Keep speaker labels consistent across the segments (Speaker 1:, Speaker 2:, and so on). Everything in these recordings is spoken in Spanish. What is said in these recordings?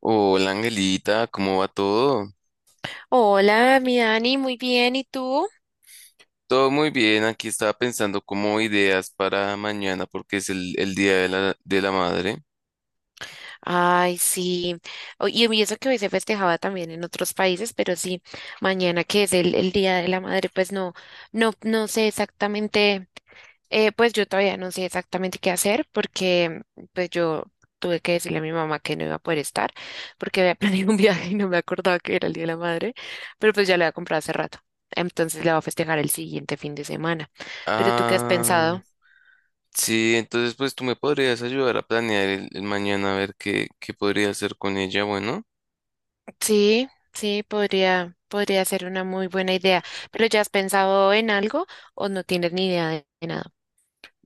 Speaker 1: Hola Angelita, ¿cómo va todo?
Speaker 2: Hola, mi Dani, muy bien, ¿y tú?
Speaker 1: Todo muy bien, aquí estaba pensando como ideas para mañana porque es el Día de la Madre.
Speaker 2: Ay, sí, y eso que hoy se festejaba también en otros países, pero sí, mañana que es el Día de la Madre, pues no, no sé exactamente, pues yo todavía no sé exactamente qué hacer porque pues yo tuve que decirle a mi mamá que no iba a poder estar porque había planeado un viaje y no me acordaba que era el Día de la Madre, pero pues ya lo había comprado hace rato, entonces la voy a festejar el siguiente fin de semana. ¿Pero tú qué has
Speaker 1: Ah,
Speaker 2: pensado?
Speaker 1: sí, entonces pues tú me podrías ayudar a planear el mañana a ver qué podría hacer con ella, bueno.
Speaker 2: Sí, sí, podría ser una muy buena idea. ¿Pero ya has pensado en algo o no tienes ni idea de nada?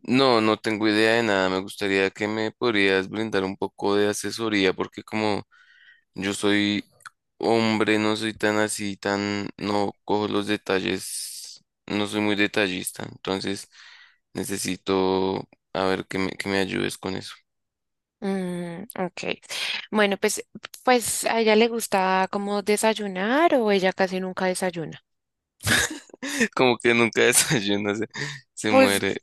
Speaker 1: No, no tengo idea de nada, me gustaría que me podrías brindar un poco de asesoría porque como yo soy hombre, no soy tan así, tan, no cojo los detalles, no soy muy detallista, entonces necesito, a ver, que me ayudes con eso.
Speaker 2: Mm, ok. Bueno, pues a ella le gusta como desayunar o ella casi nunca desayuna.
Speaker 1: Como que nunca desayuna, se
Speaker 2: Pues,
Speaker 1: muere.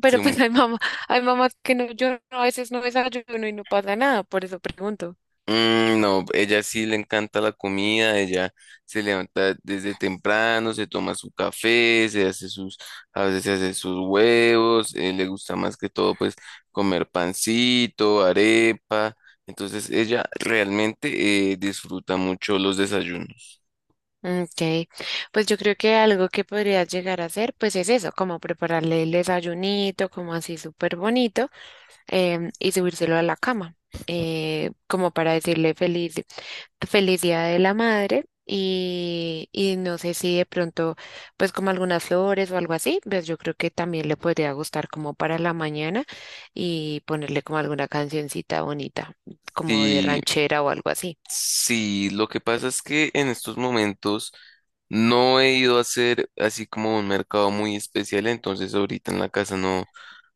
Speaker 2: pero pues hay mamá, hay mamás que no, yo no, a veces no desayuno y no pasa nada, por eso pregunto.
Speaker 1: Mm, no, ella sí le encanta la comida, ella se levanta desde temprano, se toma su café, se hace sus, a veces se hace sus huevos, le gusta más que todo pues comer pancito, arepa, entonces ella realmente disfruta mucho los desayunos.
Speaker 2: Ok, pues yo creo que algo que podrías llegar a hacer, pues es eso, como prepararle el desayunito, como así súper bonito. Y subírselo a la cama, como para decirle feliz, feliz Día de la Madre. Y no sé si de pronto, pues como algunas flores o algo así, pues yo creo que también le podría gustar como para la mañana y ponerle como alguna cancioncita bonita, como de
Speaker 1: Sí,
Speaker 2: ranchera o algo así.
Speaker 1: sí, lo que pasa es que en estos momentos no he ido a hacer así como un mercado muy especial, entonces ahorita en la casa no,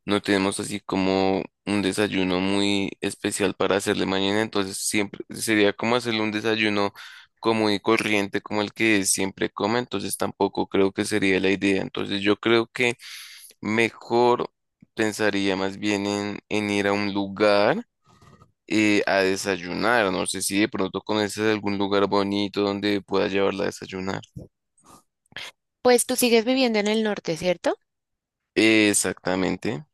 Speaker 1: no tenemos así como un desayuno muy especial para hacerle mañana, entonces siempre sería como hacerle un desayuno común y corriente como el que siempre come, entonces tampoco creo que sería la idea, entonces yo creo que mejor pensaría más bien en ir a un lugar a desayunar. No sé si de pronto conoces algún lugar bonito donde pueda llevarla a desayunar.
Speaker 2: Pues tú sigues viviendo en el norte, ¿cierto?
Speaker 1: Exactamente.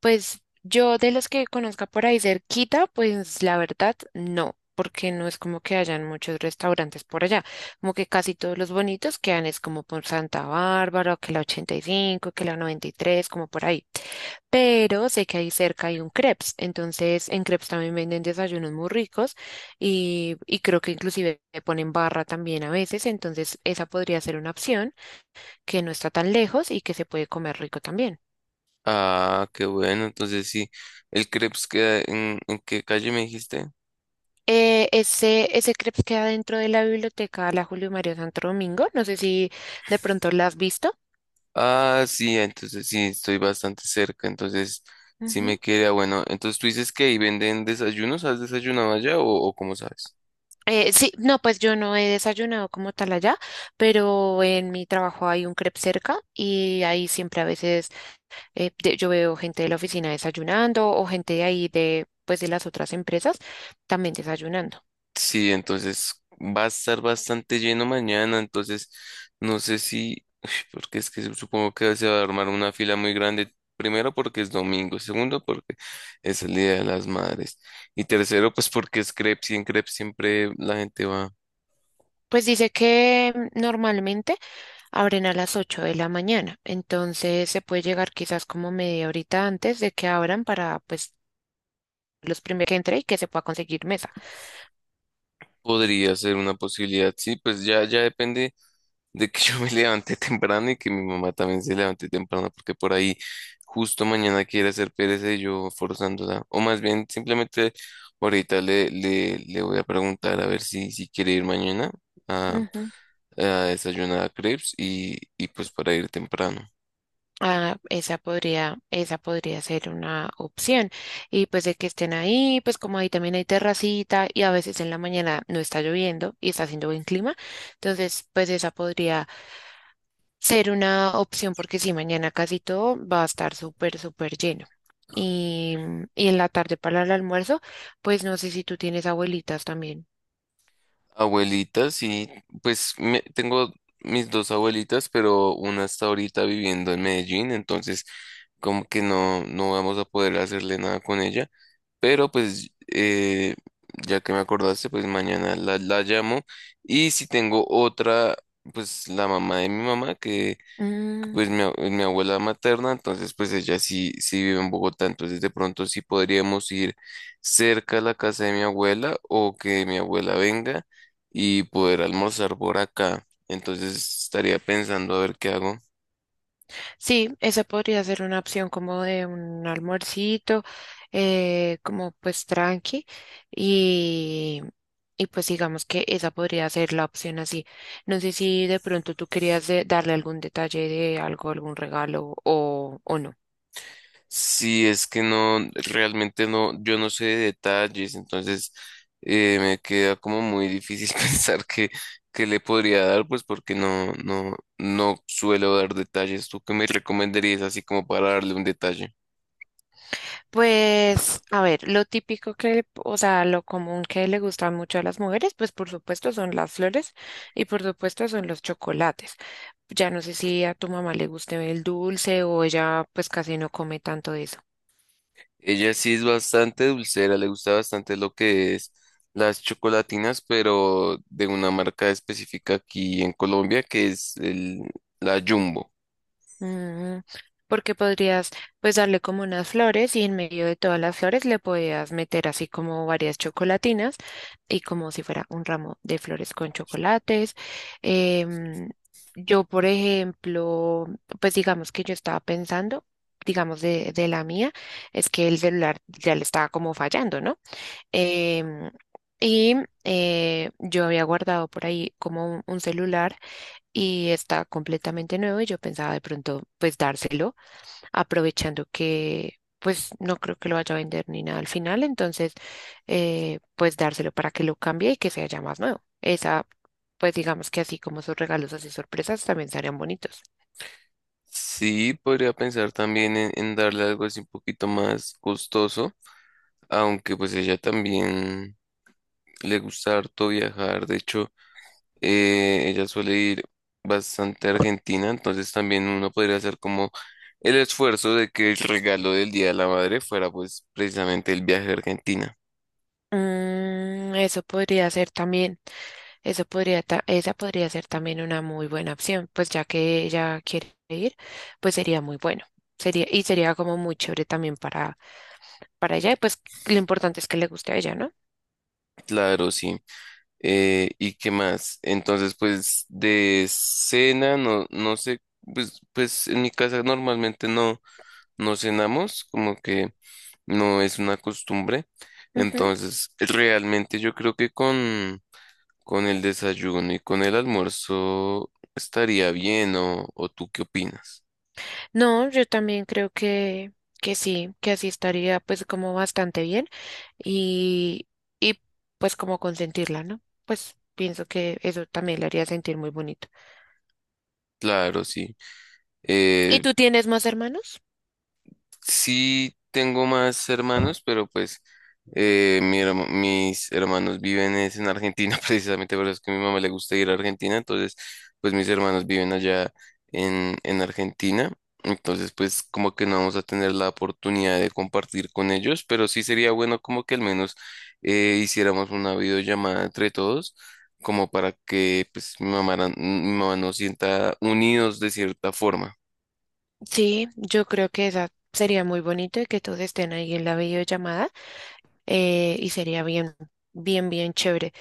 Speaker 2: Pues yo de los que conozca por ahí cerquita, pues la verdad no, porque no es como que hayan muchos restaurantes por allá, como que casi todos los bonitos quedan es como por Santa Bárbara, que la 85, que la 93, como por ahí. Pero sé que ahí cerca hay un crepes, entonces en crepes también venden desayunos muy ricos y creo que inclusive le ponen barra también a veces, entonces esa podría ser una opción que no está tan lejos y que se puede comer rico también.
Speaker 1: Ah, qué bueno. Entonces sí, el crepes queda ¿en qué calle me dijiste?
Speaker 2: Ese crepes queda dentro de la biblioteca La Julio Mario Santo Domingo. No sé si de pronto la has visto.
Speaker 1: Ah, sí, entonces sí, estoy bastante cerca. Entonces sí me
Speaker 2: Ujú.
Speaker 1: queda bueno. Entonces tú dices que ahí venden desayunos. ¿Has desayunado allá o cómo sabes?
Speaker 2: Sí, no, pues yo no he desayunado como tal allá, pero en mi trabajo hay un crepe cerca y ahí siempre a veces yo veo gente de la oficina desayunando o gente de ahí de, pues de las otras empresas también desayunando.
Speaker 1: Sí, entonces va a estar bastante lleno mañana, entonces no sé si, uy, porque es que supongo que se va a armar una fila muy grande, primero porque es domingo, segundo porque es el Día de las Madres y tercero pues porque es crepes y en crepes siempre la gente va,
Speaker 2: Pues dice que normalmente abren a las 8 de la mañana, entonces se puede llegar quizás como media horita antes de que abran para pues los primeros que entre y que se pueda conseguir mesa.
Speaker 1: podría ser una posibilidad, sí, pues ya, ya depende de que yo me levanté temprano y que mi mamá también se levante temprano, porque por ahí justo mañana quiere hacer pereza y yo forzándola. O más bien, simplemente ahorita le voy a preguntar a ver si, si quiere ir mañana a,
Speaker 2: Ujú.
Speaker 1: a desayunar a Crepes y pues para ir temprano.
Speaker 2: Ah, esa podría ser una opción. Y pues de que estén ahí, pues como ahí también hay terracita y a veces en la mañana no está lloviendo y está haciendo buen clima, entonces pues esa podría ser una opción porque si mañana casi todo va a estar súper, súper lleno. Y, y en la tarde para el almuerzo, pues no sé si tú tienes abuelitas también.
Speaker 1: Abuelitas, sí, pues tengo mis dos abuelitas, pero una está ahorita viviendo en Medellín, entonces como que no, no vamos a poder hacerle nada con ella, pero pues ya que me acordaste, pues mañana la llamo y si tengo otra, pues la mamá de mi mamá que... Pues mi abuela materna, entonces pues ella sí, sí vive en Bogotá, entonces de pronto sí podríamos ir cerca a la casa de mi abuela o que mi abuela venga y poder almorzar por acá. Entonces estaría pensando a ver qué hago.
Speaker 2: Sí, esa podría ser una opción como de un almuercito, como pues tranqui y, y pues digamos que esa podría ser la opción así. No sé si de pronto tú querías darle algún detalle de algo, algún regalo o no.
Speaker 1: Si es que no, realmente no, yo no sé de detalles, entonces me queda como muy difícil pensar que le podría dar, pues porque no, no, no suelo dar detalles. ¿Tú qué me recomendarías así como para darle un detalle?
Speaker 2: Pues a ver, lo típico que, o sea, lo común que le gusta mucho a las mujeres, pues por supuesto son las flores y por supuesto son los chocolates. Ya no sé si a tu mamá le guste el dulce o ella pues casi no come tanto de eso.
Speaker 1: Ella sí es bastante dulcera, le gusta bastante lo que es las chocolatinas, pero de una marca específica aquí en Colombia que es el, la Jumbo.
Speaker 2: Mm, porque podrías pues darle como unas flores y en medio de todas las flores le podías meter así como varias chocolatinas y como si fuera un ramo de flores con chocolates. Em, yo, por ejemplo, pues digamos que yo estaba pensando, digamos de la mía, es que el celular ya le estaba como fallando, ¿no? Em, y yo había guardado por ahí como un celular y está completamente nuevo y yo pensaba de pronto pues dárselo, aprovechando que pues no creo que lo vaya a vender ni nada al final, entonces pues dárselo para que lo cambie y que sea ya más nuevo. Esa, pues digamos que así como sus regalos así sorpresas también estarían bonitos.
Speaker 1: Sí, podría pensar también en darle algo así un poquito más costoso, aunque pues ella también le gusta harto viajar. De hecho, ella suele ir bastante a Argentina, entonces también uno podría hacer como el esfuerzo de que el regalo del Día de la Madre fuera pues precisamente el viaje a Argentina.
Speaker 2: Mm, eso podría ser también. Esa podría ser también una muy buena opción, pues ya que ella quiere ir, pues sería muy bueno. Sería, y sería como muy chévere también para ella, y pues lo importante es que le guste a ella, ¿no?
Speaker 1: Claro, sí. ¿Y qué más? Entonces, pues de cena, no, no sé, pues en mi casa normalmente no, no cenamos, como que no es una costumbre.
Speaker 2: Ujú.
Speaker 1: Entonces, realmente yo creo que con el desayuno y con el almuerzo estaría bien, o tú qué opinas?
Speaker 2: No, yo también creo que sí, que así estaría pues como bastante bien y, y pues como consentirla, ¿no? Pues pienso que eso también le haría sentir muy bonito.
Speaker 1: Claro, sí.
Speaker 2: ¿Y
Speaker 1: Eh,
Speaker 2: tú tienes más hermanos?
Speaker 1: sí, tengo más hermanos, pero pues mis hermanos viven es en Argentina, precisamente por eso es que a mi mamá le gusta ir a Argentina, entonces pues mis hermanos viven allá en Argentina, entonces pues como que no vamos a tener la oportunidad de compartir con ellos, pero sí sería bueno como que al menos hiciéramos una videollamada entre todos, como para que pues mi mamá nos sienta unidos de cierta forma.
Speaker 2: Sí, yo creo que esa sería muy bonito y que todos estén ahí en la videollamada y sería bien, bien chévere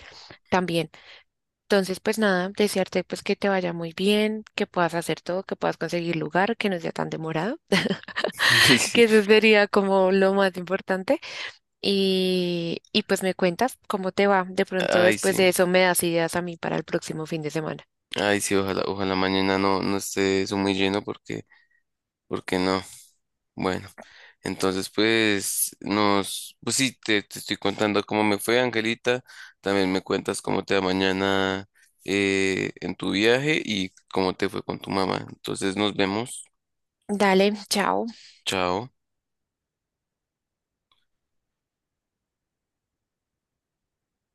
Speaker 2: también. Entonces, pues nada, desearte pues que te vaya muy bien, que puedas hacer todo, que puedas conseguir lugar, que no sea tan demorado,
Speaker 1: Y sí,
Speaker 2: que eso sería como lo más importante. Y pues me cuentas cómo te va. De pronto
Speaker 1: ay, sí.
Speaker 2: después de eso me das ideas a mí para el próximo fin de semana.
Speaker 1: Ay, sí, ojalá, ojalá mañana no, no esté eso muy lleno porque, porque no. Bueno, entonces pues nos, pues sí, te estoy contando cómo me fue, Angelita. También me cuentas cómo te va mañana en tu viaje y cómo te fue con tu mamá. Entonces nos vemos.
Speaker 2: Dale, chao.
Speaker 1: Chao.